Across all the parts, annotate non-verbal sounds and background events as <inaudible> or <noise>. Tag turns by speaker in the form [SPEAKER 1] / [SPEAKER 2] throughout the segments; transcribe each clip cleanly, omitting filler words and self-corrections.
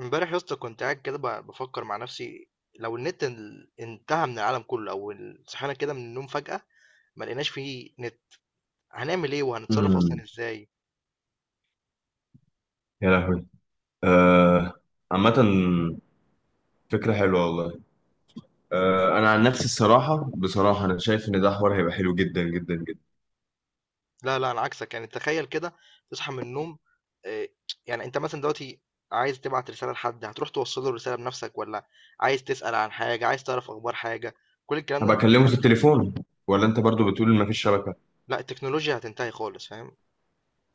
[SPEAKER 1] امبارح يا اسطى كنت قاعد كده بفكر مع نفسي. لو النت انتهى من العالم كله او صحينا كده من النوم فجأة ما لقيناش فيه نت، هنعمل ايه وهنتصرف
[SPEAKER 2] امم
[SPEAKER 1] اصلا ازاي؟
[SPEAKER 2] يا لهوي. آه. عامة، فكرة حلوة والله. آه، أنا عن نفسي بصراحة أنا شايف إن ده حوار هيبقى حلو جدا جدا جدا.
[SPEAKER 1] لا لا انا عكسك، يعني تخيل كده تصحى من النوم. آه، يعني انت مثلا دلوقتي عايز تبعت رسالة لحد، هتروح توصل له الرسالة بنفسك ولا؟ عايز تسأل عن حاجة، عايز تعرف اخبار حاجة، كل الكلام ده
[SPEAKER 2] هبقى
[SPEAKER 1] انت...
[SPEAKER 2] أكلمه في التليفون، ولا أنت برضو بتقول إن مفيش شبكة؟
[SPEAKER 1] لا التكنولوجيا هتنتهي خالص، فاهم.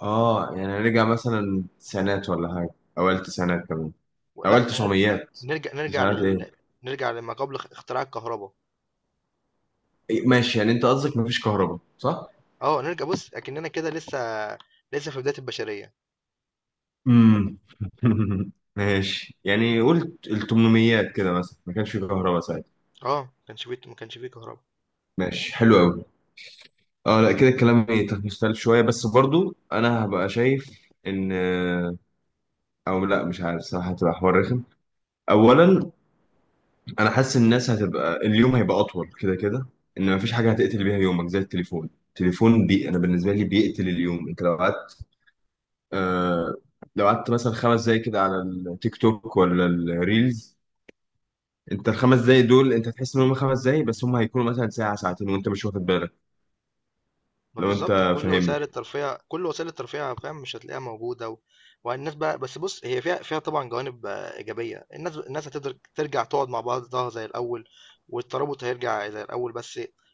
[SPEAKER 2] آه، يعني رجع مثلا تسعينات ولا حاجة، أوائل تسعينات كمان، أوائل
[SPEAKER 1] لا
[SPEAKER 2] تسعميات.
[SPEAKER 1] نرجع
[SPEAKER 2] تسعينات إيه؟
[SPEAKER 1] نرجع لما قبل اختراع الكهرباء.
[SPEAKER 2] إيه، ماشي، يعني أنت قصدك مفيش كهرباء، صح؟
[SPEAKER 1] آه، نرجع بُص، أكننا كده لسه، لسه في بداية البشرية.
[SPEAKER 2] امم <laughs> ماشي، يعني قلت التمنميات كده مثلا ما كانش في كهرباء ساعتها.
[SPEAKER 1] آه، ما كانش في كهربا.
[SPEAKER 2] ماشي حلو أوي. اه لا، كده الكلام يختلف شوية، بس برضو انا هبقى شايف ان، او لا مش عارف صراحة، هتبقى حوار رخم. اولا انا حاسس ان الناس هتبقى، اليوم هيبقى اطول كده كده، ان مفيش حاجة هتقتل بيها يومك زي التليفون، انا بالنسبة لي بيقتل اليوم. انت لو قعدت، آه، لو قعدت مثلا خمس دقايق كده على التيك توك ولا الريلز، انت الخمس دقايق دول انت تحس ان هم خمس دقايق، بس هم هيكونوا مثلا ساعة ساعتين وانت مش واخد بالك.
[SPEAKER 1] ما
[SPEAKER 2] لو انت
[SPEAKER 1] بالضبط كل
[SPEAKER 2] فاهمني.
[SPEAKER 1] وسائل الترفيه، فاهم، مش هتلاقيها موجودة. والناس بقى، بس بُص، هي فيها، طبعًا جوانب آه، إيجابية. الناس هتقدر ترجع تقعد مع بعضها زي الأول، والترابط هيرجع زي الأول. بس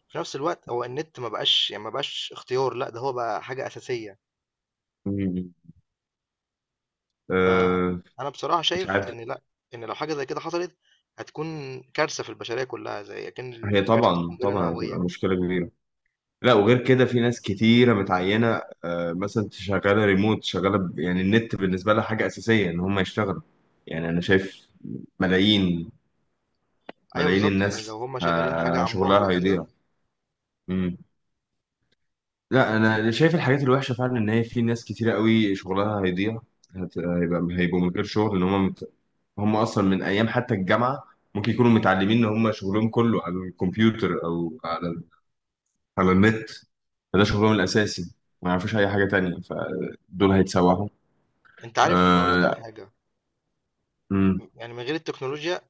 [SPEAKER 1] في نفس الوقت هو النت ما بقاش، يعني ما بقاش اختيار، لأ ده هو بقى حاجة أساسية.
[SPEAKER 2] مم. آه.
[SPEAKER 1] فأنا بصراحة
[SPEAKER 2] مش
[SPEAKER 1] شايف
[SPEAKER 2] عارف.
[SPEAKER 1] إن لأ، إن لو حاجة زي كده حصلت هتكون كارثة في البشرية كلها، زي أكن
[SPEAKER 2] هي
[SPEAKER 1] كارثة
[SPEAKER 2] طبعا
[SPEAKER 1] قنبلة
[SPEAKER 2] طبعا هتبقى
[SPEAKER 1] نووية.
[SPEAKER 2] مشكلة كبيرة. لا، وغير كده في ناس كتيرة متعينة، آه، مثلا شغالة ريموت، يعني النت بالنسبة لها حاجة أساسية إن هم يشتغلوا. يعني أنا شايف ملايين
[SPEAKER 1] أيوه
[SPEAKER 2] ملايين
[SPEAKER 1] بالضبط، يعني لو
[SPEAKER 2] الناس،
[SPEAKER 1] هم شغالين حاجة
[SPEAKER 2] آه،
[SPEAKER 1] عن بُعد
[SPEAKER 2] شغلها
[SPEAKER 1] وكده.
[SPEAKER 2] هيضيع. مم. لا، أنا شايف الحاجات الوحشة فعلا إن هي في ناس كتيرة قوي شغلها هيضيع. هيبقوا من غير شغل إن هم مت... هم أصلا من أيام حتى الجامعة ممكن يكونوا متعلمين إن هم شغلهم كله على الكمبيوتر أو على النت، فده شغلهم الأساسي، ما يعرفوش أي حاجة تانية، فدول هيتسوحوا.
[SPEAKER 1] أنت عارف أقول لك على
[SPEAKER 2] آه.
[SPEAKER 1] حاجة،
[SPEAKER 2] مم.
[SPEAKER 1] يعني من غير التكنولوجيا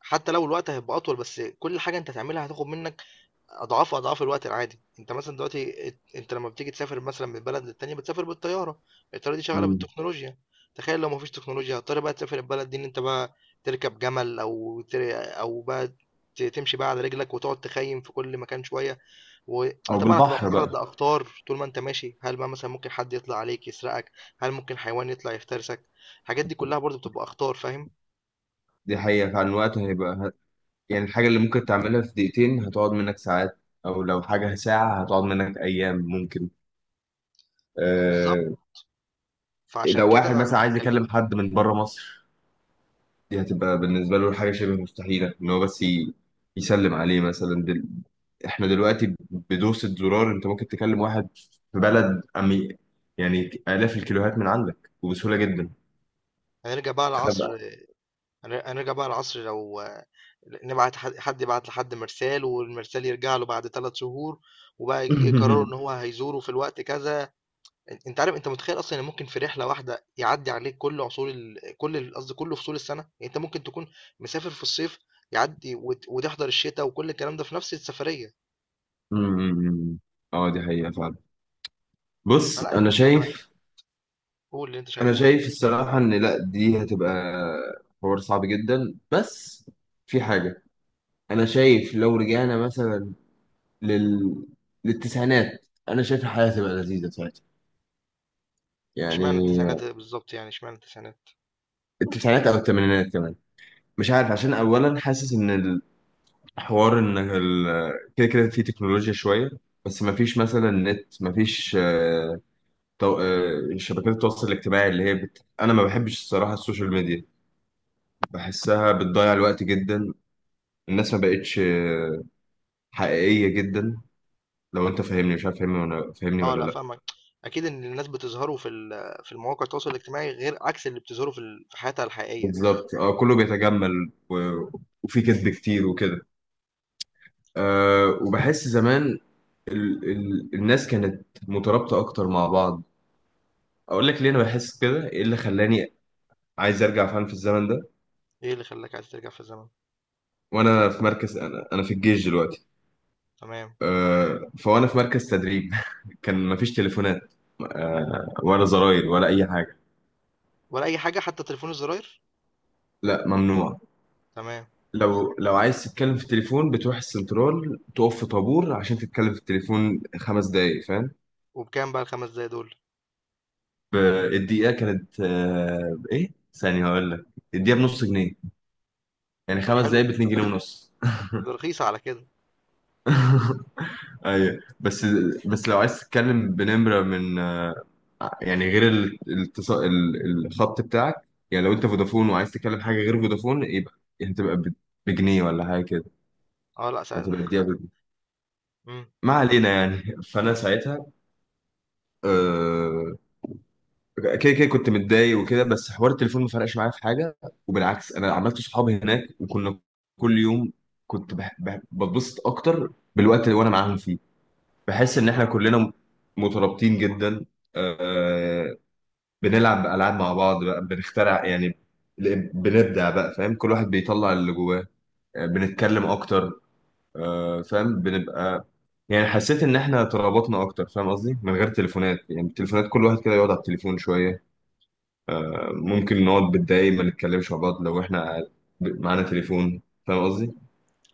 [SPEAKER 1] حتى لو الوقت هيبقى أطول، بس كل حاجة أنت هتعملها هتاخد منك اضعاف الوقت العادي. انت مثلا دلوقتي، انت لما بتيجي تسافر مثلا من بلد للتانية بتسافر بالطيارة، الطيارة دي شغالة
[SPEAKER 2] مم.
[SPEAKER 1] بالتكنولوجيا. تخيل لو مفيش تكنولوجيا، هتضطر بقى تسافر البلد دي ان انت بقى تركب جمل او او بقى تمشي بقى على رجلك وتقعد تخيم في كل مكان شوية.
[SPEAKER 2] أو
[SPEAKER 1] وطبعا هتبقى
[SPEAKER 2] بالبحر
[SPEAKER 1] معرض
[SPEAKER 2] بقى.
[SPEAKER 1] لأخطار طول ما انت ماشي، هل بقى مثلا ممكن حد يطلع عليك يسرقك؟ هل ممكن حيوان يطلع يفترسك؟ الحاجات دي كلها برضو بتبقى أخطار، فاهم.
[SPEAKER 2] دي حقيقة فعلا، الوقت هيبقى يعني الحاجة اللي ممكن تعملها في دقيقتين هتقعد منك ساعات، أو لو حاجة ساعة هتقعد منك أيام ممكن.
[SPEAKER 1] بالظبط،
[SPEAKER 2] آه.
[SPEAKER 1] فعشان
[SPEAKER 2] لو واحد
[SPEAKER 1] كده انا
[SPEAKER 2] مثلا عايز يكلم
[SPEAKER 1] بكلمك.
[SPEAKER 2] حد من بره مصر، دي هتبقى بالنسبة له حاجة شبه مستحيلة إن هو بس يسلم عليه مثلا دل... إحنا دلوقتي بدوسة زرار أنت ممكن تكلم واحد في بلد أمي، يعني آلاف الكيلوهات من عندك وبسهولة جدا.
[SPEAKER 1] هنرجع بقى
[SPEAKER 2] تخبأ.
[SPEAKER 1] لعصر هنرجع بقى لعصر لو نبعت حد، يبعت لحد مرسال والمرسال يرجع له بعد 3 شهور، وبقى يقرروا
[SPEAKER 2] <laughs>
[SPEAKER 1] ان هو هيزوره في الوقت كذا. انت عارف، انت متخيل اصلا ان ممكن في رحله واحده يعدي عليك كل عصور كل قصدي كل فصول السنه، يعني انت ممكن تكون مسافر في الصيف، يعدي وتحضر الشتاء وكل الكلام ده في نفس السفريه.
[SPEAKER 2] أمم. اه دي حقيقة فعلا. بص
[SPEAKER 1] فلا
[SPEAKER 2] أنا
[SPEAKER 1] انت مع-
[SPEAKER 2] شايف،
[SPEAKER 1] قول اللي انت
[SPEAKER 2] أنا
[SPEAKER 1] شايفه.
[SPEAKER 2] شايف الصراحة إن لأ، دي هتبقى حوار صعب جدا. بس في حاجة، أنا شايف لو رجعنا مثلا لل... للتسعينات أنا شايف الحياة هتبقى لذيذة ساعتها.
[SPEAKER 1] اشمعنى
[SPEAKER 2] يعني
[SPEAKER 1] التسعينات بالظبط، يعني اشمعنى التسعينات؟
[SPEAKER 2] التسعينات او الثمانينات كمان، مش عارف. عشان اولا حاسس ان الحوار ان كده كده في تكنولوجيا شويه، بس ما فيش مثلا نت، ما فيش آه، آه، شبكات التواصل الاجتماعي اللي هي بت... انا ما بحبش الصراحه السوشيال ميديا، بحسها بتضيع الوقت جدا. الناس ما بقتش آه، حقيقيه جدا، لو انت فاهمني، مش عارف فاهمني ولا فاهمني
[SPEAKER 1] اه
[SPEAKER 2] ولا
[SPEAKER 1] لا،
[SPEAKER 2] لا.
[SPEAKER 1] فاهمك. اكيد ان الناس بتظهروا في في المواقع التواصل الاجتماعي غير عكس اللي بتظهروا في في حياتها الحقيقيه.
[SPEAKER 2] بالظبط، اه، كله بيتجمل و... وفي كذب كتير وكده. أه، وبحس زمان ال الناس كانت مترابطة أكتر مع بعض. أقول لك ليه أنا بحس كده، إيه اللي خلاني عايز أرجع فعلا في الزمن ده؟
[SPEAKER 1] ايه اللي خلاك عايز ترجع في الزمن؟
[SPEAKER 2] وأنا في مركز، أنا في الجيش دلوقتي.
[SPEAKER 1] تمام.
[SPEAKER 2] أه، فوأنا في مركز تدريب. <laughs> كان مفيش تليفونات، أه، ولا زراير ولا أي حاجة.
[SPEAKER 1] ولا أي حاجة حتى تليفون الزراير؟
[SPEAKER 2] لا ممنوع.
[SPEAKER 1] تمام.
[SPEAKER 2] لو عايز تتكلم في التليفون بتروح السنترال تقف في طابور عشان تتكلم في التليفون خمس دقايق، فاهم؟
[SPEAKER 1] وبكام بقى ال5 دقايق دول؟
[SPEAKER 2] ب- الدقيقة كانت أه إيه ثانية هقول لك، الدقيقة بنص جنيه، يعني
[SPEAKER 1] طب
[SPEAKER 2] خمس دقايق
[SPEAKER 1] حلو،
[SPEAKER 2] باتنين جنيه ونص.
[SPEAKER 1] ده رخيصة على كده.
[SPEAKER 2] <laughs> ايوه، بس بس لو عايز تتكلم بنمره من آه، يعني غير الخط بتاعك، يعني لو انت فودافون وعايز تتكلم حاجه غير فودافون، يبقى هتبقى بجنيه ولا حاجه كده،
[SPEAKER 1] آه لأ
[SPEAKER 2] هتبقى
[SPEAKER 1] ساعتها.
[SPEAKER 2] تديها بجنيه.
[SPEAKER 1] <laughs> إمم.
[SPEAKER 2] ما علينا يعني. <laughs> فانا ساعتها آه، كده كده كنت متضايق وكده، بس حوار التليفون ما فرقش معايا في حاجه، وبالعكس انا عملت صحابي هناك، وكنا كل يوم، كنت بتبسط اكتر بالوقت اللي وانا معاهم فيه، بحس ان احنا كلنا مترابطين جدا، آه، بنلعب العاب مع بعض بقى، بنخترع يعني، بنبدع بقى، فاهم، كل واحد بيطلع اللي جواه، آه، بنتكلم اكتر، آه، فاهم، بنبقى يعني، حسيت ان احنا ترابطنا اكتر، فاهم قصدي، من غير تليفونات. يعني التليفونات كل واحد كده يقعد على التليفون شويه، آه، ممكن نقعد بالدقايق ما نتكلمش مع بعض لو احنا معانا تليفون، فاهم قصدي؟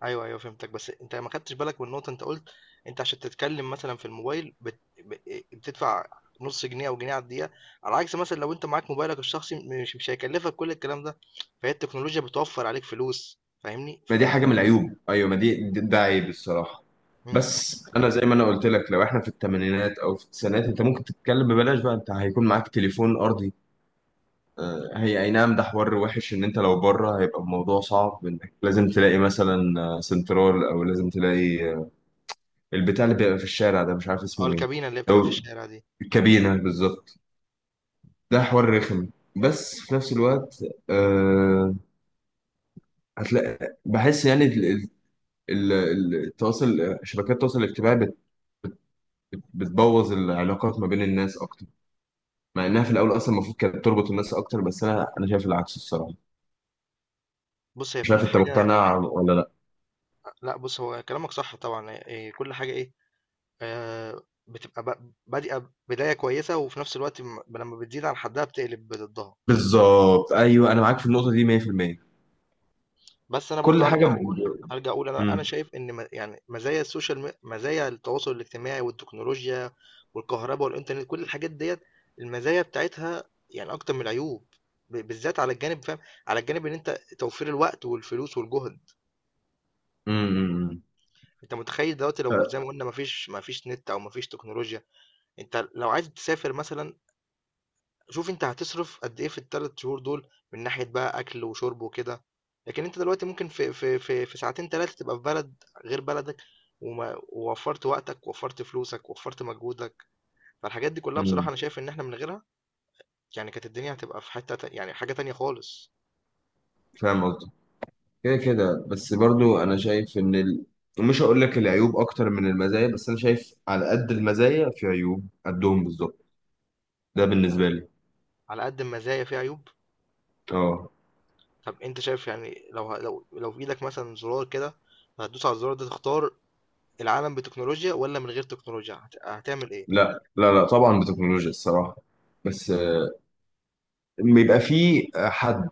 [SPEAKER 1] أيوه، أيوه فهمتك. بس أنت ما خدتش بالك من نقطة أنت قُلت، أنت عشان تتكلم مثلًا في الموبايل بت ب بتدفع نُص جنيه أو جنيه على الدقيقة، على عكس مثلًا لو أنت معاك موبايلك الشخصي مش هيكلفك كل الكلام ده، فهي التكنولوجيا بتوفّر عليك فلوس، فاهمني؟
[SPEAKER 2] ما دي حاجه من العيوب، ايوه، ما دي ده عيب الصراحه.
[SPEAKER 1] إمم.
[SPEAKER 2] بس انا زي ما انا قلت لك، لو احنا في الثمانينات او في التسعينات، انت ممكن تتكلم ببلاش بقى، انت هيكون معاك تليفون ارضي، آه، هي اي نعم ده حوار وحش ان انت لو بره هيبقى الموضوع صعب، انك لازم تلاقي مثلا آه، سنترال، او لازم تلاقي آه، البتاع اللي بيبقى في الشارع ده، مش عارف
[SPEAKER 1] آه
[SPEAKER 2] اسمه ايه.
[SPEAKER 1] الكابينة اللي هي بتبقى في
[SPEAKER 2] او
[SPEAKER 1] الشارع دي.
[SPEAKER 2] الكابينه، بالظبط. ده حوار رخم، بس في نفس الوقت أه، هتلاقي، بحس يعني التواصل، شبكات التواصل الاجتماعي بتبوظ العلاقات ما بين الناس اكتر، مع انها في الاول اصلا المفروض كانت تربط الناس اكتر، بس انا شايف العكس الصراحه.
[SPEAKER 1] بُص هي
[SPEAKER 2] مش عارف
[SPEAKER 1] كل
[SPEAKER 2] انت
[SPEAKER 1] حاجة.
[SPEAKER 2] مقتنع ولا لا.
[SPEAKER 1] لأ بُص، هو كلامك صح طبعًا، كل حاجة إيه، آآ بتبقى بادئة بداية كويسة، وفي نفس الوقت لمّا بتزيد عن حدها بتقلب ضدها.
[SPEAKER 2] بالظبط، ايوه، انا معاك في النقطه دي 100%.
[SPEAKER 1] بس أنا
[SPEAKER 2] كل
[SPEAKER 1] برضه
[SPEAKER 2] حاجه
[SPEAKER 1] هارجع أقول، أنا
[SPEAKER 2] امم
[SPEAKER 1] شايف إن يعني مزايا السوشيال مزايا التواصل الاجتماعي والتكنولوجيا والكهربا والإنترنت، كل الحاجات ديّة المزايا بتاعتها يعني أكتر من العيوب، بالذات على الجانب، فاهم، على الجانب إن أنت توفير الوقت والفلوس والجهد.
[SPEAKER 2] امم
[SPEAKER 1] أنت متخيّل دلوقتي لو زي ما قُلنا ما فيش نت أو ما فيش تكنولوجيا، أنت لو عايز تسافر مثلًا، شوف أنت هتصرف قد إيه في ال3 شهور دول، من ناحية بقى أكل وشرب وكده. لكن أنت دلوقتي ممكن في ساعتين 3 تبقى في بلد غير بلدك، ووفّرت وقتك، ووفّرت فلوسك، ووفّرت مجهودك. فالحاجات دي كلّها بصراحة
[SPEAKER 2] امم
[SPEAKER 1] أنا شايف إن إحنا من غيرها يعني كانت الدنيا هتبقى في حتّة تا يعني حاجة تانية خالص.
[SPEAKER 2] فاهم قصدي. كده كده، بس برضو انا شايف ان ال... مش هقول لك العيوب اكتر من المزايا، بس انا شايف على قد المزايا في عيوب قدهم بالظبط، ده
[SPEAKER 1] على
[SPEAKER 2] بالنسبه لي.
[SPEAKER 1] على قد المزايا في عيوب.
[SPEAKER 2] اه.
[SPEAKER 1] طَب أنت شايف، يعني لو لو في إيدك مثلًا زرار كده هتدوس على الزرار ده، تختار العالم بتكنولوجيا والّا من غير تكنولوجيا، هتعمل إيه؟
[SPEAKER 2] لا لا لا، طبعا بتكنولوجيا الصراحه. بس آه، بيبقى في حد،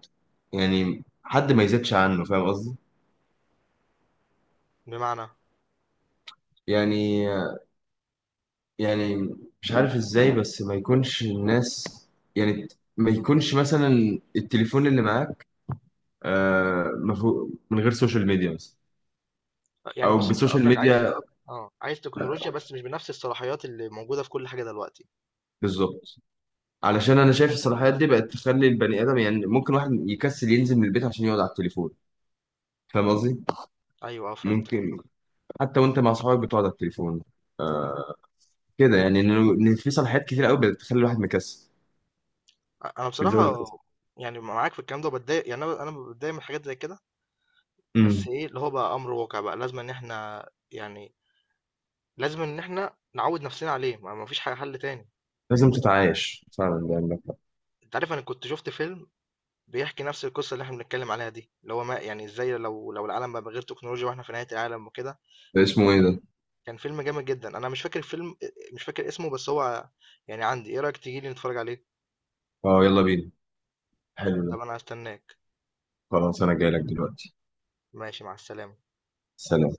[SPEAKER 2] يعني حد ما يزيدش عنه، فاهم قصدي؟
[SPEAKER 1] بمعنى؟
[SPEAKER 2] يعني يعني مش عارف ازاي، بس ما يكونش الناس، يعني ما يكونش مثلا التليفون اللي معاك، آه، من غير سوشيال ميديا مثلا،
[SPEAKER 1] يعني
[SPEAKER 2] او
[SPEAKER 1] بص انت
[SPEAKER 2] بسوشيال
[SPEAKER 1] قصدك
[SPEAKER 2] ميديا.
[SPEAKER 1] عايز، اه عايز تكنولوجيا بس مش بنفس الصلاحيات اللي موجودده في كل حاجه دلوقتي.
[SPEAKER 2] بالظبط. علشان انا شايف الصلاحيات دي بقت تخلي البني ادم، يعني ممكن واحد يكسل ينزل من البيت عشان يقعد على التليفون، فاهم قصدي؟
[SPEAKER 1] ايوه اه فهمتك.
[SPEAKER 2] ممكن حتى وانت مع اصحابك بتقعد على التليفون، آه، كده يعني ان في صلاحيات كتير قوي بتخلي الواحد مكسل،
[SPEAKER 1] انا
[SPEAKER 2] بتزود
[SPEAKER 1] بصراحه يعني معاك في الكلام ده، بتضايق يعني، انا بتضايق من حاجات زي كده.
[SPEAKER 2] الكسل.
[SPEAKER 1] بس ايه اللي هو بقى امر واقع، بقى لازم ان احنا يعني لازم ان احنا نعود نفسنا عليه، ما فيش حاجه حل تاني.
[SPEAKER 2] لازم تتعايش فعلا، ده عندك حق.
[SPEAKER 1] انت عارف انا كنت شفت فيلم بيحكي نفس القصه اللي احنا بنتكلم عليها دي، اللي هو ما يعني ازاي لو العالم بقى من غير تكنولوجيا واحنا في نهايه العالم وكده.
[SPEAKER 2] ده اسمه ايه
[SPEAKER 1] كان
[SPEAKER 2] ده؟
[SPEAKER 1] فيلم جامد جدا، انا مش فاكر الفيلم، مش فاكر اسمه بس هو يعني عندي. ايه رأيك تيجي لي نتفرج عليه؟
[SPEAKER 2] اه، يلا بينا، حلو ده.
[SPEAKER 1] طب انا هستناك.
[SPEAKER 2] خلاص انا جاي لك دلوقتي.
[SPEAKER 1] ماشي مع السلامة.
[SPEAKER 2] سلام.